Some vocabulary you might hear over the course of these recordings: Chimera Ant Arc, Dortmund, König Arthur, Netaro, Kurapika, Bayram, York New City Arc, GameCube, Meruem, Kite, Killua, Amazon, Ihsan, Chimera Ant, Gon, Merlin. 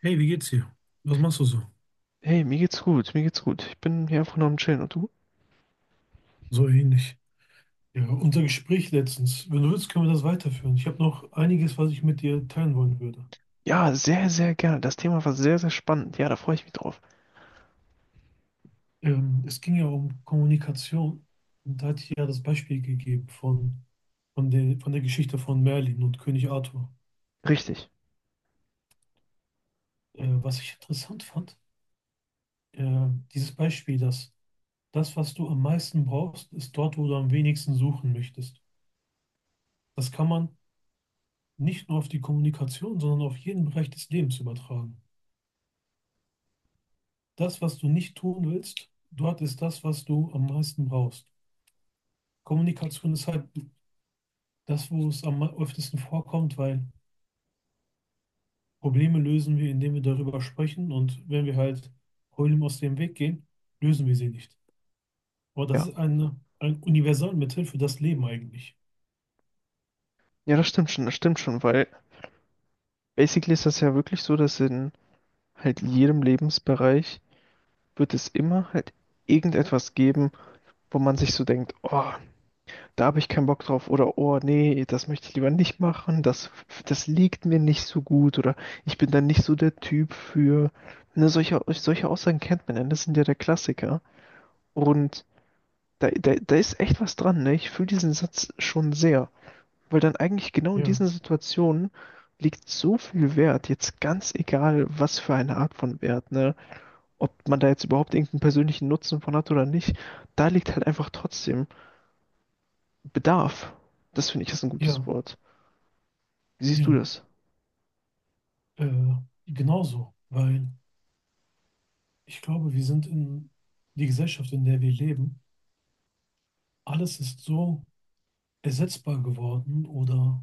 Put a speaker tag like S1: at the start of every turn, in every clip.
S1: Hey, wie geht's dir? Was machst du so?
S2: Hey, mir geht's gut, mir geht's gut. Ich bin hier einfach nur am Chillen. Und du?
S1: So ähnlich. Ja, unser Gespräch letztens. Wenn du willst, können wir das weiterführen. Ich habe noch einiges, was ich mit dir teilen wollen würde.
S2: Ja, sehr, sehr gerne. Das Thema war sehr, sehr spannend. Ja, da freue ich mich drauf.
S1: Es ging ja um Kommunikation. Und da hatte ich ja das Beispiel gegeben von der Geschichte von Merlin und König Arthur.
S2: Richtig,
S1: Was ich interessant fand, äh, dieses Beispiel, dass das, was du am meisten brauchst, ist dort, wo du am wenigsten suchen möchtest. Das kann man nicht nur auf die Kommunikation, sondern auf jeden Bereich des Lebens übertragen. Das, was du nicht tun willst, dort ist das, was du am meisten brauchst. Kommunikation ist halt das, wo es am öftesten vorkommt, weil Probleme lösen wir, indem wir darüber sprechen, und wenn wir halt Problemen aus dem Weg gehen, lösen wir sie nicht. Aber das
S2: ja.
S1: ist ein Universalmittel für das Leben eigentlich.
S2: Ja, das stimmt schon, weil basically ist das ja wirklich so, dass in halt jedem Lebensbereich wird es immer halt irgendetwas geben, wo man sich so denkt, oh, da habe ich keinen Bock drauf oder oh, nee, das möchte ich lieber nicht machen, das, das liegt mir nicht so gut oder ich bin da nicht so der Typ für. Ne, solche, solche Aussagen kennt man ja, das sind ja der Klassiker. Und da, da, da ist echt was dran, ne? Ich fühle diesen Satz schon sehr, weil dann eigentlich genau in
S1: Ja,
S2: diesen Situationen liegt so viel Wert, jetzt ganz egal, was für eine Art von Wert, ne? Ob man da jetzt überhaupt irgendeinen persönlichen Nutzen von hat oder nicht, da liegt halt einfach trotzdem Bedarf. Das finde ich ist ein gutes
S1: ja,
S2: Wort. Wie siehst du
S1: ja.
S2: das?
S1: Äh, Genauso, weil ich glaube, wir sind in die Gesellschaft, in der wir leben, alles ist so ersetzbar geworden oder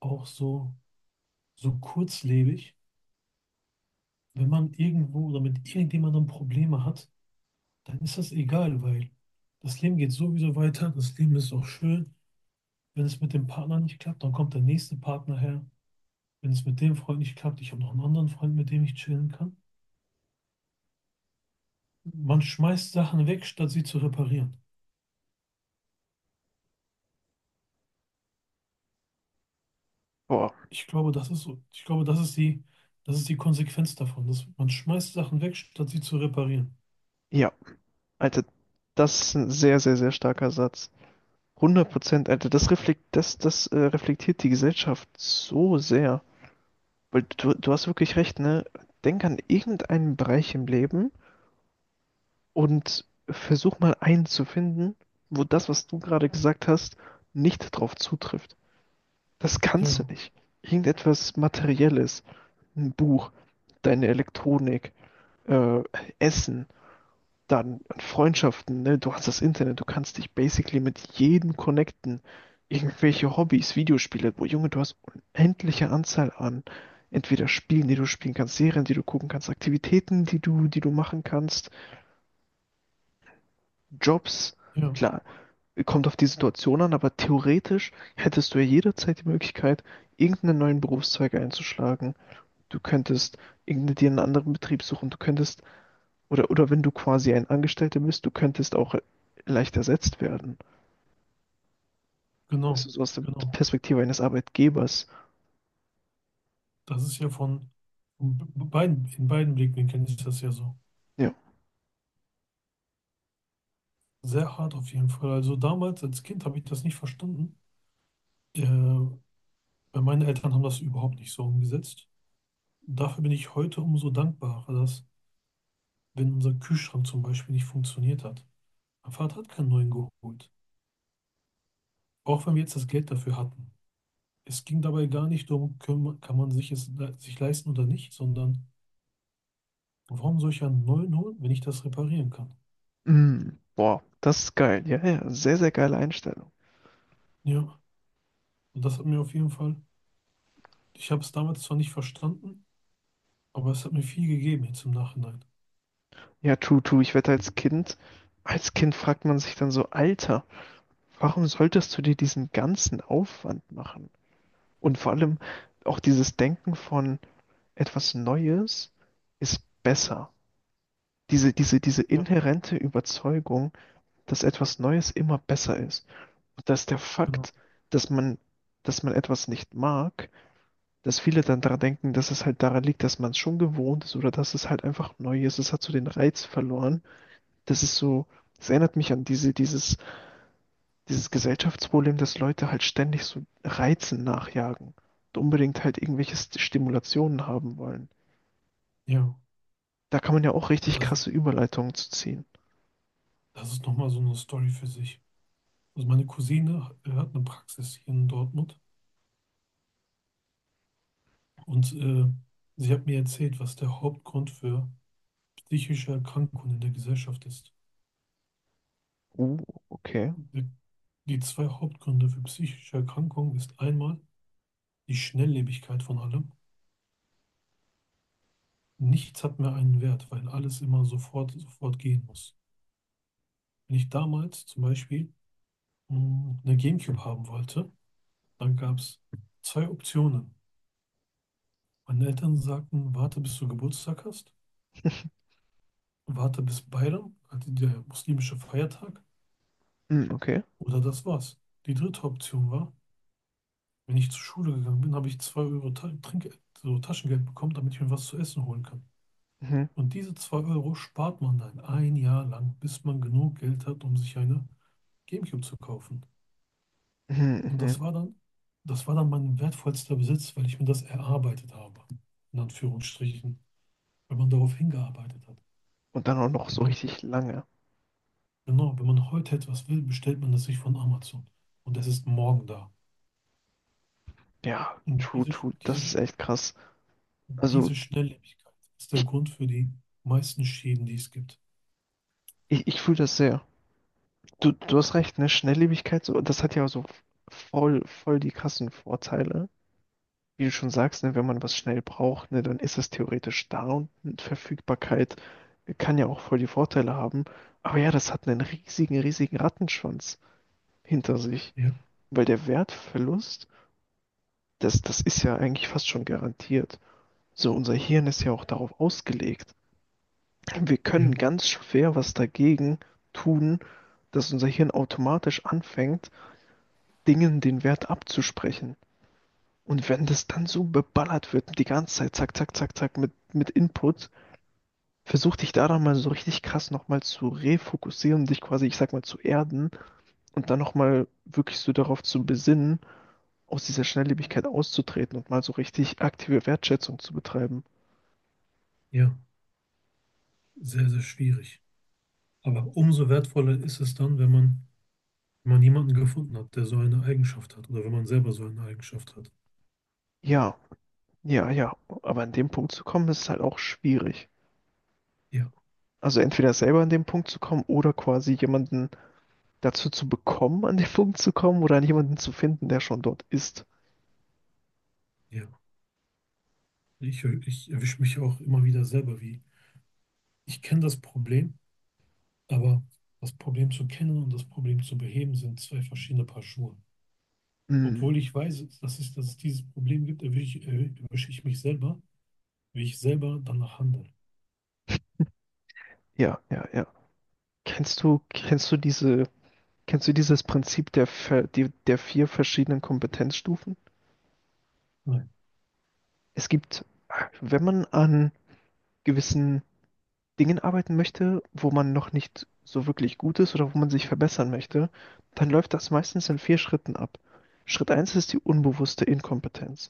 S1: auch so kurzlebig. Wenn man irgendwo oder mit irgendjemandem Probleme hat, dann ist das egal, weil das Leben geht sowieso weiter. Das Leben ist auch schön. Wenn es mit dem Partner nicht klappt, dann kommt der nächste Partner her. Wenn es mit dem Freund nicht klappt, ich habe noch einen anderen Freund, mit dem ich chillen kann. Man schmeißt Sachen weg, statt sie zu reparieren.
S2: Boah,
S1: Ich glaube, das ist so. Ich glaube, das ist die Konsequenz davon, dass man schmeißt Sachen weg, statt sie zu reparieren.
S2: ja, Alter, das ist ein sehr, sehr, sehr starker Satz. 100%, Alter, das reflekt, das, das reflektiert die Gesellschaft so sehr. Weil du hast wirklich recht, ne? Denk an irgendeinen Bereich im Leben und versuch mal einen zu finden, wo das, was du gerade gesagt hast, nicht drauf zutrifft. Das kannst du
S1: Ja,
S2: nicht. Irgendetwas Materielles, ein Buch, deine Elektronik, äh, Essen, dann an Freundschaften, ne? Du hast das Internet, du kannst dich basically mit jedem connecten. Irgendwelche Hobbys, Videospiele, wo Junge, du hast unendliche Anzahl an entweder Spielen, die du spielen kannst, Serien, die du gucken kannst, Aktivitäten, die du machen kannst, Jobs.
S1: ja,
S2: Klar, kommt auf die Situation an, aber theoretisch hättest du ja jederzeit die Möglichkeit, irgendeinen neuen Berufszweig einzuschlagen. Du könntest irgendeinen dir einen anderen Betrieb suchen, du könntest oder wenn du quasi ein Angestellter bist, du könntest auch leicht ersetzt werden. Weißt du,
S1: genau,
S2: so aus der
S1: genau.
S2: Perspektive eines Arbeitgebers.
S1: Das ist ja von beiden, in beiden Blickwinkeln ist das ja so.
S2: Ja.
S1: Sehr hart auf jeden Fall. Also damals als Kind habe ich das nicht verstanden. Weil meine Eltern haben das überhaupt nicht so umgesetzt. Dafür bin ich heute umso dankbarer, dass, wenn unser Kühlschrank zum Beispiel nicht funktioniert hat, mein Vater hat keinen neuen geholt. Auch wenn wir jetzt das Geld dafür hatten. Es ging dabei gar nicht darum, kann man sich es sich leisten oder nicht, sondern warum soll ich einen neuen holen, wenn ich das reparieren kann?
S2: Mm, boah, das ist geil. Ja, ja, sehr, sehr geile Einstellung.
S1: Ja, und das hat mir auf jeden Fall. Ich habe es damals zwar nicht verstanden, aber es hat mir viel gegeben jetzt im Nachhinein.
S2: Ja, true, true. Ich wette, als Kind fragt man sich dann so, Alter, warum solltest du dir diesen ganzen Aufwand machen? Und vor allem auch dieses Denken von etwas Neues ist besser. Diese, diese, diese
S1: Ja.
S2: inhärente Überzeugung, dass etwas Neues immer besser ist. Dass der
S1: Genau.
S2: Fakt, dass man, dass man etwas nicht mag, dass viele dann daran denken, dass es halt daran liegt, dass man es schon gewohnt ist oder dass es halt einfach neu ist. Es hat so den Reiz verloren. Das ist so, das erinnert mich an diese, dieses, dieses Gesellschaftsproblem, dass Leute halt ständig so Reizen nachjagen und unbedingt halt irgendwelche Stimulationen haben wollen.
S1: Ja.
S2: Da kann man ja auch
S1: Und
S2: richtig
S1: das,
S2: krasse Überleitungen zu ziehen.
S1: das ist nochmal so eine Story für sich. Also meine Cousine hat eine Praxis hier in Dortmund, und sie hat mir erzählt, was der Hauptgrund für psychische Erkrankungen in der Gesellschaft ist.
S2: Oh, okay.
S1: Die, die zwei Hauptgründe für psychische Erkrankungen ist einmal die Schnelllebigkeit von allem. Nichts hat mehr einen Wert, weil alles immer sofort, sofort gehen muss. Wenn ich damals zum Beispiel eine GameCube haben wollte, dann gab es zwei Optionen. Meine Eltern sagten, warte bis du Geburtstag hast, warte bis Bayram, also der muslimische Feiertag,
S2: Hm, okay.
S1: oder das war's. Die dritte Option war, wenn ich zur Schule gegangen bin, habe ich 2 Euro Ta Trinkgeld, so Taschengeld bekommen, damit ich mir was zu essen holen kann.
S2: Mhm.
S1: Und diese 2 Euro spart man dann ein Jahr lang, bis man genug Geld hat, um sich eine GameCube zu kaufen.
S2: Mhm,
S1: Und das
S2: mhm.
S1: war dann, das war dann mein wertvollster Besitz, weil ich mir das erarbeitet habe. In Anführungsstrichen. Wenn man darauf hingearbeitet hat.
S2: Und dann auch noch
S1: Wenn
S2: so
S1: man,
S2: richtig lange.
S1: Genau, wenn man heute etwas will, bestellt man das sich von Amazon. Und es ist morgen da.
S2: Ja,
S1: Und
S2: true, true.
S1: diese,
S2: Das ist echt krass. Also,
S1: diese Schnelllebigkeit ist der
S2: ich,
S1: Grund für die meisten Schäden, die es gibt.
S2: ich fühle das sehr. Du hast recht, ne? Schnelllebigkeit, so, das hat ja so voll, voll die krassen Vorteile. Wie du schon sagst, ne, wenn man was schnell braucht, ne, dann ist es theoretisch da und Verfügbarkeit kann ja auch voll die Vorteile haben. Aber ja, das hat einen riesigen, riesigen Rattenschwanz hinter sich.
S1: Ja,
S2: Weil der Wertverlust, das, das ist ja eigentlich fast schon garantiert. So, unser Hirn ist ja auch darauf ausgelegt. Wir können
S1: ja,
S2: ganz schwer was dagegen tun, dass unser Hirn automatisch anfängt, Dingen den Wert abzusprechen. Und wenn das dann so beballert wird, die ganze Zeit, zack, zack, zack, zack, mit Input, versuch dich daran mal so richtig krass nochmal zu refokussieren, dich quasi, ich sag mal, zu erden und dann nochmal wirklich so darauf zu besinnen, aus dieser Schnelllebigkeit auszutreten und mal so richtig aktive Wertschätzung zu betreiben.
S1: ja. Sehr, sehr schwierig. Aber umso wertvoller ist es dann, wenn man jemanden gefunden hat, der so eine Eigenschaft hat. Oder wenn man selber so eine Eigenschaft hat.
S2: Ja, ja, ja, aber an dem Punkt zu kommen, ist halt auch schwierig.
S1: Ja,
S2: Also entweder selber an den Punkt zu kommen oder quasi jemanden dazu zu bekommen, an den Punkt zu kommen oder an jemanden zu finden, der schon dort ist.
S1: ja. Ich erwische mich auch immer wieder selber, wie ich kenne das Problem, aber das Problem zu kennen und das Problem zu beheben sind zwei verschiedene Paar Schuhe.
S2: Hm.
S1: Obwohl ich weiß, dass es dieses Problem gibt, erwische ich mich selber, wie ich selber danach handle.
S2: Ja, ja, ja. Kennst du diese, kennst du dieses Prinzip der, die, der vier verschiedenen Kompetenzstufen?
S1: Nein,
S2: Es gibt, wenn man an gewissen Dingen arbeiten möchte, wo man noch nicht so wirklich gut ist oder wo man sich verbessern möchte, dann läuft das meistens in vier Schritten ab. Schritt eins ist die unbewusste Inkompetenz.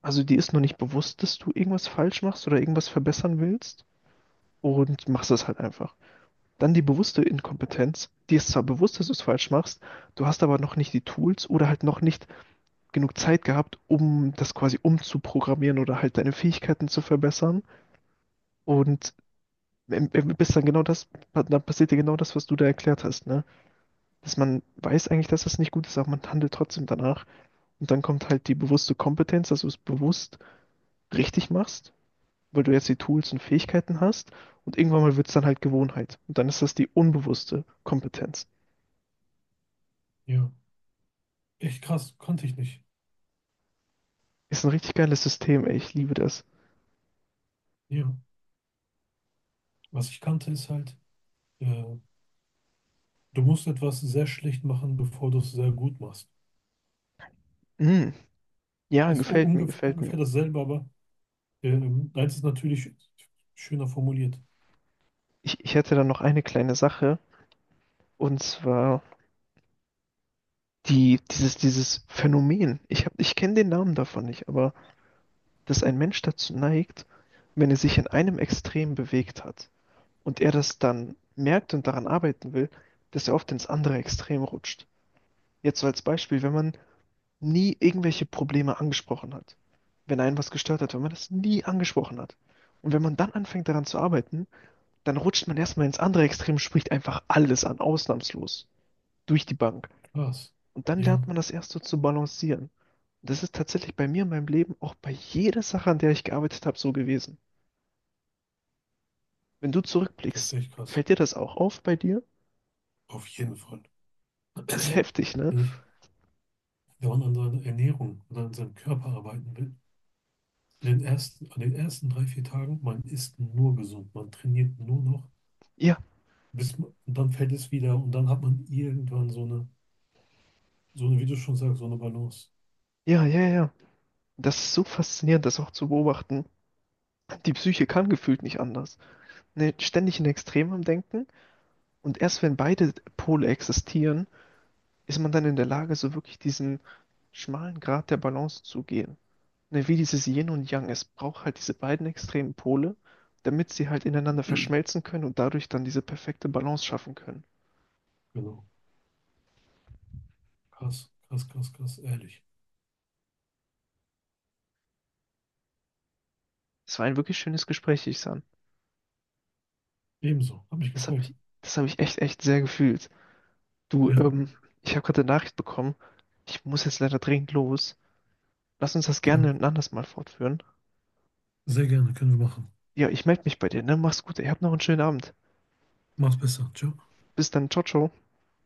S2: Also dir ist noch nicht bewusst, dass du irgendwas falsch machst oder irgendwas verbessern willst und machst es halt einfach. Dann die bewusste Inkompetenz. Dir ist zwar bewusst, dass du es falsch machst, du hast aber noch nicht die Tools oder halt noch nicht genug Zeit gehabt, um das quasi umzuprogrammieren oder halt deine Fähigkeiten zu verbessern. Und bist dann genau das, dann passiert dir genau das, was du da erklärt hast, ne? Dass man weiß eigentlich, dass das nicht gut ist, aber man handelt trotzdem danach. Und dann kommt halt die bewusste Kompetenz, dass du es bewusst richtig machst, weil du jetzt die Tools und Fähigkeiten hast und irgendwann mal wird es dann halt Gewohnheit. Und dann ist das die unbewusste Kompetenz.
S1: ja, echt krass, konnte ich nicht.
S2: Ist ein richtig geiles System, ey, ich liebe das.
S1: Ja, was ich kannte ist halt, äh, du musst etwas sehr schlecht machen, bevor du es sehr gut machst.
S2: Mm, ja,
S1: Ist
S2: gefällt mir, gefällt mir.
S1: ungefähr dasselbe, aber eins ist natürlich schöner formuliert.
S2: Ich hätte dann noch eine kleine Sache und zwar die, dieses, dieses Phänomen. Ich kenne den Namen davon nicht, aber dass ein Mensch dazu neigt, wenn er sich in einem Extrem bewegt hat und er das dann merkt und daran arbeiten will, dass er oft ins andere Extrem rutscht. Jetzt so als Beispiel, wenn man nie irgendwelche Probleme angesprochen hat. Wenn einen was gestört hat, wenn man das nie angesprochen hat. Und wenn man dann anfängt daran zu arbeiten, dann rutscht man erstmal ins andere Extrem, spricht einfach alles an, ausnahmslos, durch die Bank.
S1: Krass,
S2: Und dann
S1: ja.
S2: lernt man das erst so zu balancieren. Und das ist tatsächlich bei mir in meinem Leben auch bei jeder Sache, an der ich gearbeitet habe, so gewesen. Wenn du
S1: Das ist
S2: zurückblickst,
S1: echt krass.
S2: fällt dir das auch auf bei dir?
S1: Auf jeden Fall.
S2: Ist heftig, ne?
S1: Wenn ich dauernd an seiner Ernährung und an seinem Körper arbeiten will, an den ersten 3, 4 Tagen, man isst nur gesund, man trainiert nur noch,
S2: Ja,
S1: und dann fällt es wieder und dann hat man irgendwann wie du schon sagst, so eine Balance.
S2: ja, ja, ja. Das ist so faszinierend, das auch zu beobachten. Die Psyche kann gefühlt nicht anders, ne, ständig in Extremen am Denken. Und erst wenn beide Pole existieren, ist man dann in der Lage, so wirklich diesen schmalen Grat der Balance zu gehen. Ne, wie dieses Yin und Yang. Es braucht halt diese beiden extremen Pole, damit sie halt ineinander verschmelzen können und dadurch dann diese perfekte Balance schaffen können.
S1: Genau. Krass, krass, krass, krass, ehrlich.
S2: Es war ein wirklich schönes Gespräch, Ihsan.
S1: Ebenso. Hab mich
S2: Das habe
S1: gefreut.
S2: ich, das habe ich echt, echt sehr gefühlt. Du,
S1: Ja,
S2: ich habe gerade eine Nachricht bekommen. Ich muss jetzt leider dringend los. Lass uns das gerne
S1: ja,
S2: ein anderes Mal fortführen.
S1: sehr gerne, können wir machen.
S2: Ja, ich melde mich bei dir, ne? Mach's gut, ey. Habt noch einen schönen Abend.
S1: Mach's besser. Ciao.
S2: Bis dann. Ciao, ciao.